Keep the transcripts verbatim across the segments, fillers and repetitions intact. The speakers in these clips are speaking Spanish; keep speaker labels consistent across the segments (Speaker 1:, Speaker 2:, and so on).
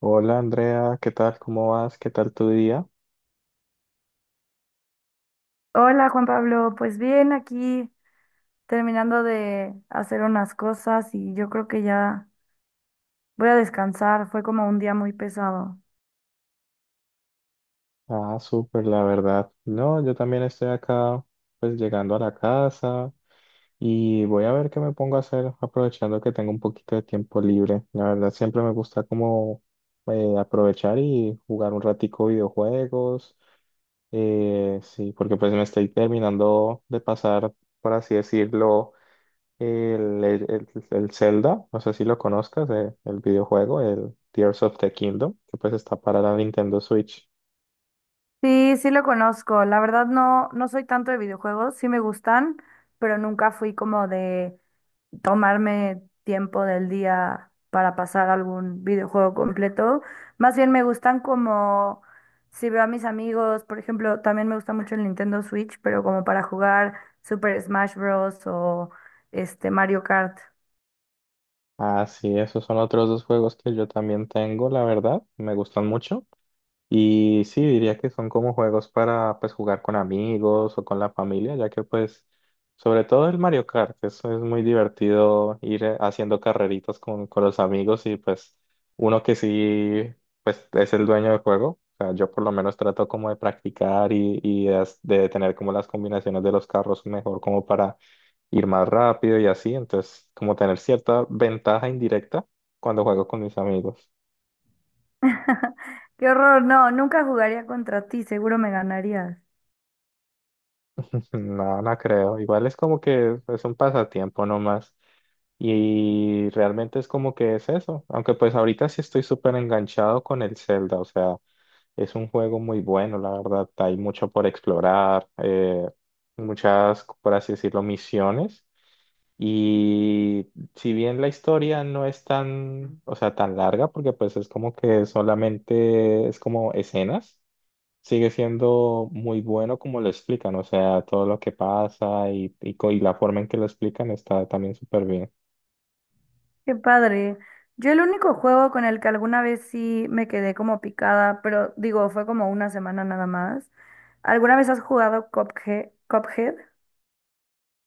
Speaker 1: Hola Andrea, ¿qué tal? ¿Cómo vas? ¿Qué tal tu día?
Speaker 2: Hola Juan Pablo, pues bien, aquí terminando de hacer unas cosas y yo creo que ya voy a descansar, fue como un día muy pesado.
Speaker 1: Ah, súper, la verdad. No, yo también estoy acá, pues llegando a la casa y voy a ver qué me pongo a hacer, aprovechando que tengo un poquito de tiempo libre. La verdad, siempre me gusta como eh, aprovechar y jugar un ratico videojuegos. Eh, sí, porque pues me estoy terminando de pasar, por así decirlo. El, el, el- Zelda, no sé si lo conozcas, eh, el videojuego, el Tears of the Kingdom, que pues está para la Nintendo Switch.
Speaker 2: Sí, sí lo conozco, la verdad no, no soy tanto de videojuegos, sí me gustan, pero nunca fui como de tomarme tiempo del día para pasar algún videojuego completo. Más bien me gustan como si veo a mis amigos, por ejemplo, también me gusta mucho el Nintendo Switch, pero como para jugar Super Smash Bros. O este Mario Kart.
Speaker 1: Ah, sí, esos son otros dos juegos que yo también tengo, la verdad, me gustan mucho. Y sí, diría que son como juegos para pues jugar con amigos o con la familia, ya que pues sobre todo el Mario Kart, eso es muy divertido ir eh, haciendo carreritas con, con los amigos y pues uno que sí pues es el dueño del juego, o sea, yo por lo menos trato como de practicar y, y de, as- de tener como las combinaciones de los carros mejor como para ir más rápido y así, entonces como tener cierta ventaja indirecta cuando juego con mis amigos.
Speaker 2: Qué horror, no, nunca jugaría contra ti, seguro me ganarías.
Speaker 1: Pues no, no creo. Igual es como que es un pasatiempo nomás. Y realmente es como que es eso. Aunque pues ahorita sí estoy súper enganchado con el Zelda. O sea, es un juego muy bueno, la verdad. Hay mucho por explorar, eh, muchas, por así decirlo, misiones. Y si bien la historia no es tan, o sea, tan larga, porque pues es como que solamente es como escenas, sigue siendo muy bueno como lo explican, o sea, todo lo que pasa y, y, co- y la forma en que lo explican está también súper bien.
Speaker 2: Qué padre. Yo el único juego con el que alguna vez sí me quedé como picada, pero digo, fue como una semana nada más. ¿Alguna vez has jugado Cuphead? ¿Cuphead?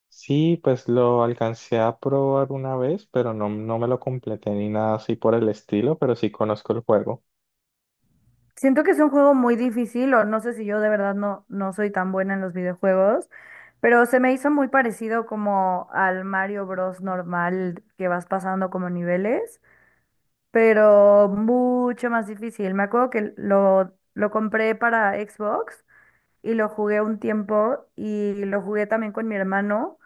Speaker 1: Sí, pues lo alcancé a probar una vez, pero no, no me lo completé ni nada así por el estilo, pero sí conozco el juego.
Speaker 2: Siento que es un juego muy difícil, o no sé si yo de verdad no, no soy tan buena en los videojuegos, pero se me hizo muy parecido como al Mario Bros. Normal que vas pasando como niveles, pero mucho más difícil. Me acuerdo que lo, lo compré para Xbox y lo jugué un tiempo y lo jugué también con mi hermano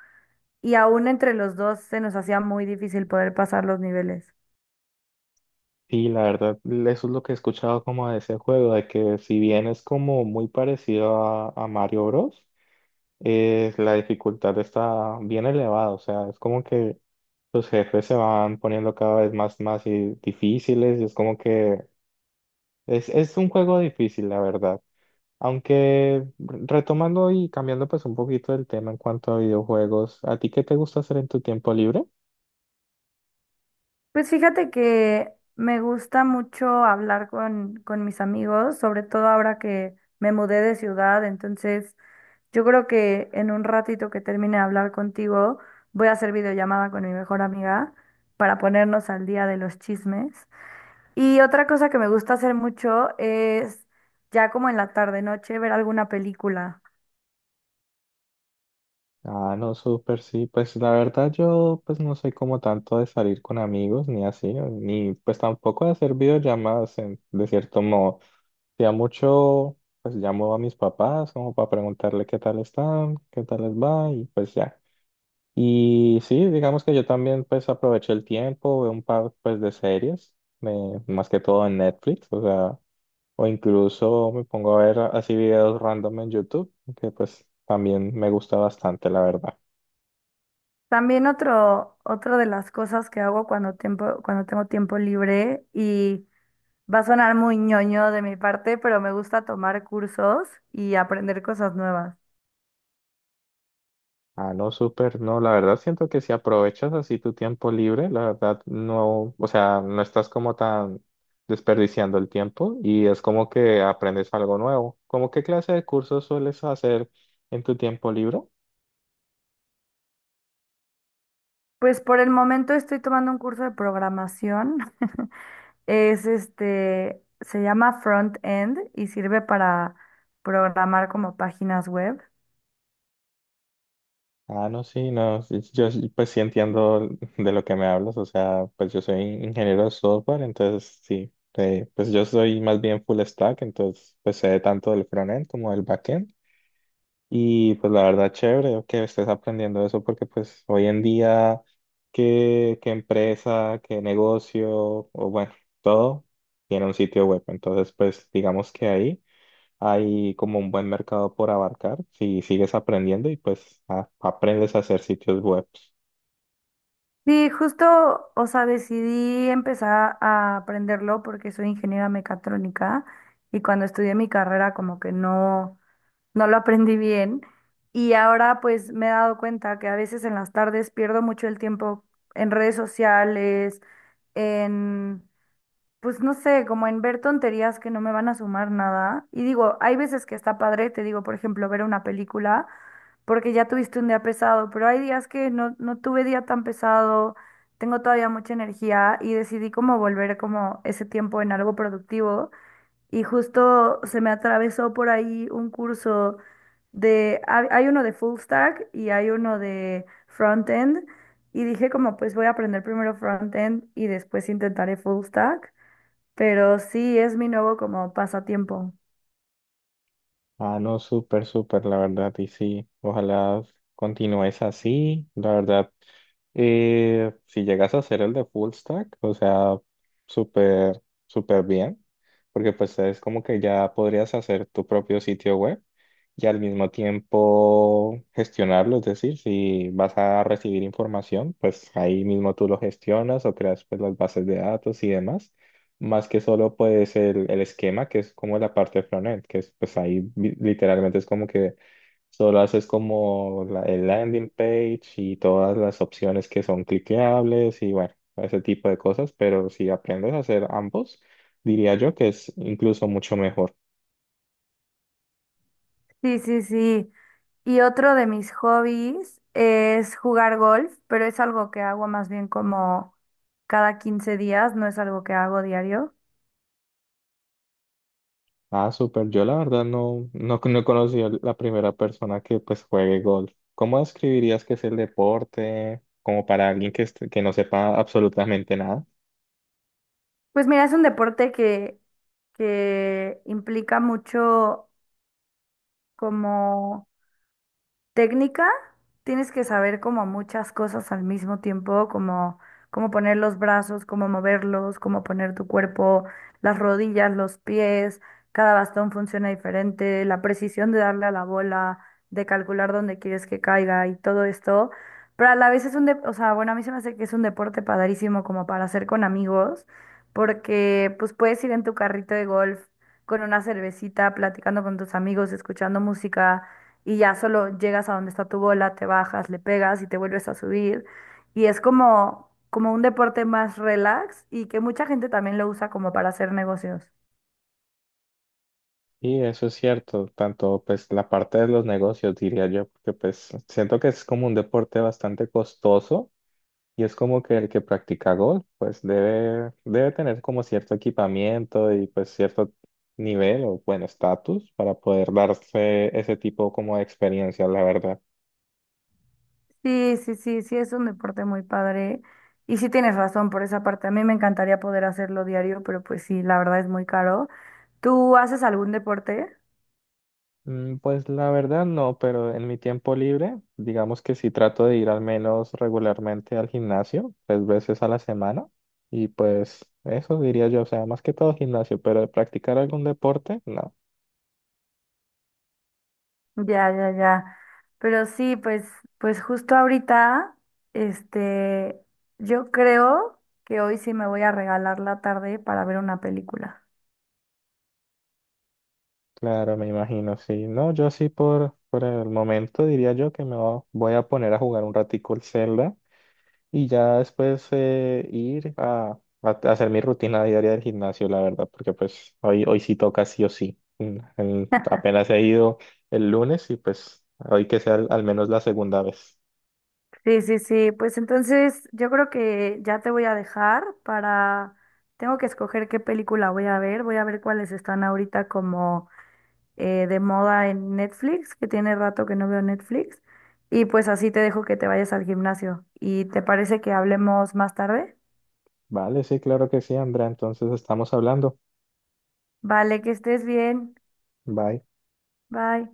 Speaker 2: y aún entre los dos se nos hacía muy difícil poder pasar los niveles.
Speaker 1: Sí, la verdad, eso es lo que he escuchado como de ese juego, de que si bien es como muy parecido a, a Mario Bros., eh, la dificultad está bien elevada, o sea, es como que sus jefes se van poniendo cada vez más, más y difíciles y es como que es, es un juego difícil, la verdad. Aunque retomando y cambiando pues un poquito el tema en cuanto a videojuegos, ¿a ti qué te gusta hacer en tu tiempo libre?
Speaker 2: Pues fíjate que me gusta mucho hablar con, con mis amigos, sobre todo ahora que me mudé de ciudad, entonces yo creo que en un ratito que termine de hablar contigo, voy a hacer videollamada con mi mejor amiga para ponernos al día de los chismes. Y otra cosa que me gusta hacer mucho es ya como en la tarde noche ver alguna película.
Speaker 1: Ah, no, súper, sí. Pues la verdad yo pues no soy como tanto de salir con amigos ni así, ¿no? Ni pues tampoco de hacer videollamadas en- de cierto modo. Ya mucho pues llamo a mis papás como para preguntarle qué tal están, qué tal les va y pues ya. Y sí, digamos que yo también pues aproveché el tiempo, veo un par pues de series, me- más que todo en Netflix, o sea, o incluso me pongo a ver así videos random en YouTube, que pues también me gusta bastante, la verdad.
Speaker 2: También otro, otro de las cosas que hago cuando tiempo, cuando tengo tiempo libre y va a sonar muy ñoño de mi parte, pero me gusta tomar cursos y aprender cosas nuevas.
Speaker 1: Ah, no, súper, no, la verdad siento que si aprovechas así tu tiempo libre, la verdad no, o sea, no estás como tan desperdiciando el tiempo y es como que aprendes algo nuevo. ¿Cómo qué clase de cursos sueles hacer en tu tiempo libre?
Speaker 2: Pues por el momento estoy tomando un curso de programación. Es este, se llama Front End y sirve para programar como páginas web.
Speaker 1: Ah, no, sí, no, sí, sí, yo sí, pues sí entiendo de lo que me hablas, o sea, pues yo soy ingeniero de software, entonces sí, eh, pues yo soy más bien full stack, entonces pues sé tanto del frontend como del backend y pues la verdad chévere que estés aprendiendo eso porque pues hoy en día qué, qué empresa, qué negocio o bueno, todo tiene un sitio web, entonces pues digamos que ahí hay como un buen mercado por abarcar si sigues aprendiendo y pues a- aprendes a hacer sitios web.
Speaker 2: Sí, justo, o sea, decidí empezar a aprenderlo porque soy ingeniera mecatrónica y cuando estudié mi carrera como que no, no lo aprendí bien, y ahora pues me he dado cuenta que a veces en las tardes pierdo mucho el tiempo en redes sociales, en pues no sé, como en ver tonterías que no me van a sumar nada. Y digo, hay veces que está padre, te digo, por ejemplo, ver una película, porque ya tuviste un día pesado, pero hay días que no, no tuve día tan pesado, tengo todavía mucha energía y decidí como volver como ese tiempo en algo productivo. Y justo se me atravesó por ahí un curso de, hay hay uno de full stack y hay uno de front end. Y dije como, pues voy a aprender primero front end y después intentaré full stack. Pero sí, es mi nuevo como pasatiempo.
Speaker 1: Ah, no, súper, súper, la verdad, y sí, ojalá continúes así, la verdad. Y si llegas a hacer el de full stack, o sea, súper, súper bien, porque pues es como que ya podrías hacer tu propio sitio web y al mismo tiempo gestionarlo, es decir, si vas a recibir información, pues ahí mismo tú lo gestionas o creas pues las bases de datos y demás, más que solo pues el, el esquema, que es como la parte frontend, que es pues ahí vi- literalmente es como que solo haces como la- el landing page y todas las opciones que son cliqueables y bueno, ese tipo de cosas, pero si aprendes a hacer ambos, diría yo que es incluso mucho mejor.
Speaker 2: Sí, sí, sí. Y otro de mis hobbies es jugar golf, pero es algo que hago más bien como cada quince días, no es algo que hago diario.
Speaker 1: Ah, súper. Yo la verdad no, no, no conocí a la primera persona que pues juegue golf. ¿Cómo describirías que es el deporte? Como para alguien que, est- que no sepa absolutamente nada.
Speaker 2: Pues mira, es un deporte que, que implica mucho como técnica, tienes que saber como muchas cosas al mismo tiempo, como cómo poner los brazos, cómo moverlos, cómo poner tu cuerpo, las rodillas, los pies, cada bastón funciona diferente, la precisión de darle a la bola, de calcular dónde quieres que caiga y todo esto. Pero a la vez es un, dep- o sea, bueno, a mí se me hace que es un deporte padrísimo como para hacer con amigos, porque pues puedes ir en tu carrito de golf con una cervecita, platicando con tus amigos, escuchando música, y ya solo llegas a donde está tu bola, te bajas, le pegas y te vuelves a subir. Y es como, como un deporte más relax y que mucha gente también lo usa como para hacer negocios.
Speaker 1: Y eso es cierto, tanto pues la parte de los negocios diría yo, porque pues siento que es como un deporte bastante costoso. Y es como que el que practica golf, pues debe, debe tener como cierto equipamiento y pues cierto nivel o bueno, estatus para poder darse ese tipo como de experiencia, la verdad.
Speaker 2: Sí, sí, sí, sí, es un deporte muy padre. Y sí tienes razón por esa parte. A mí me encantaría poder hacerlo diario, pero pues sí, la verdad es muy caro. ¿Tú haces algún deporte?
Speaker 1: Mm, pues la verdad no, pero en mi tiempo libre, digamos que sí trato de ir al menos regularmente al gimnasio, tres veces a la semana. Y pues eso diría yo, o sea, más que todo gimnasio, pero de practicar algún deporte, no.
Speaker 2: Ya, ya, ya. Pero sí, pues, pues, justo ahorita, este, yo creo que hoy sí me voy a regalar la tarde para ver una película.
Speaker 1: Claro, me imagino, sí. No, yo sí por, por el momento diría yo que me va- voy a poner a jugar un ratico el Zelda y ya después eh, ir a, a hacer mi rutina diaria del gimnasio, la verdad, porque pues hoy, hoy sí toca sí o sí. Mm, el- apenas he ido el lunes y pues hoy que sea al al menos la segunda vez.
Speaker 2: Sí, sí, sí. Pues entonces yo creo que ya te voy a dejar, para, tengo que escoger qué película voy a ver. Voy a ver cuáles están ahorita como eh, de moda en Netflix, que tiene rato que no veo Netflix. Y pues así te dejo que te vayas al gimnasio. ¿Y te parece que hablemos más tarde?
Speaker 1: Vale, sí, claro que sí, Andrea. Entonces estamos hablando.
Speaker 2: Vale, que estés bien.
Speaker 1: Bye.
Speaker 2: Bye.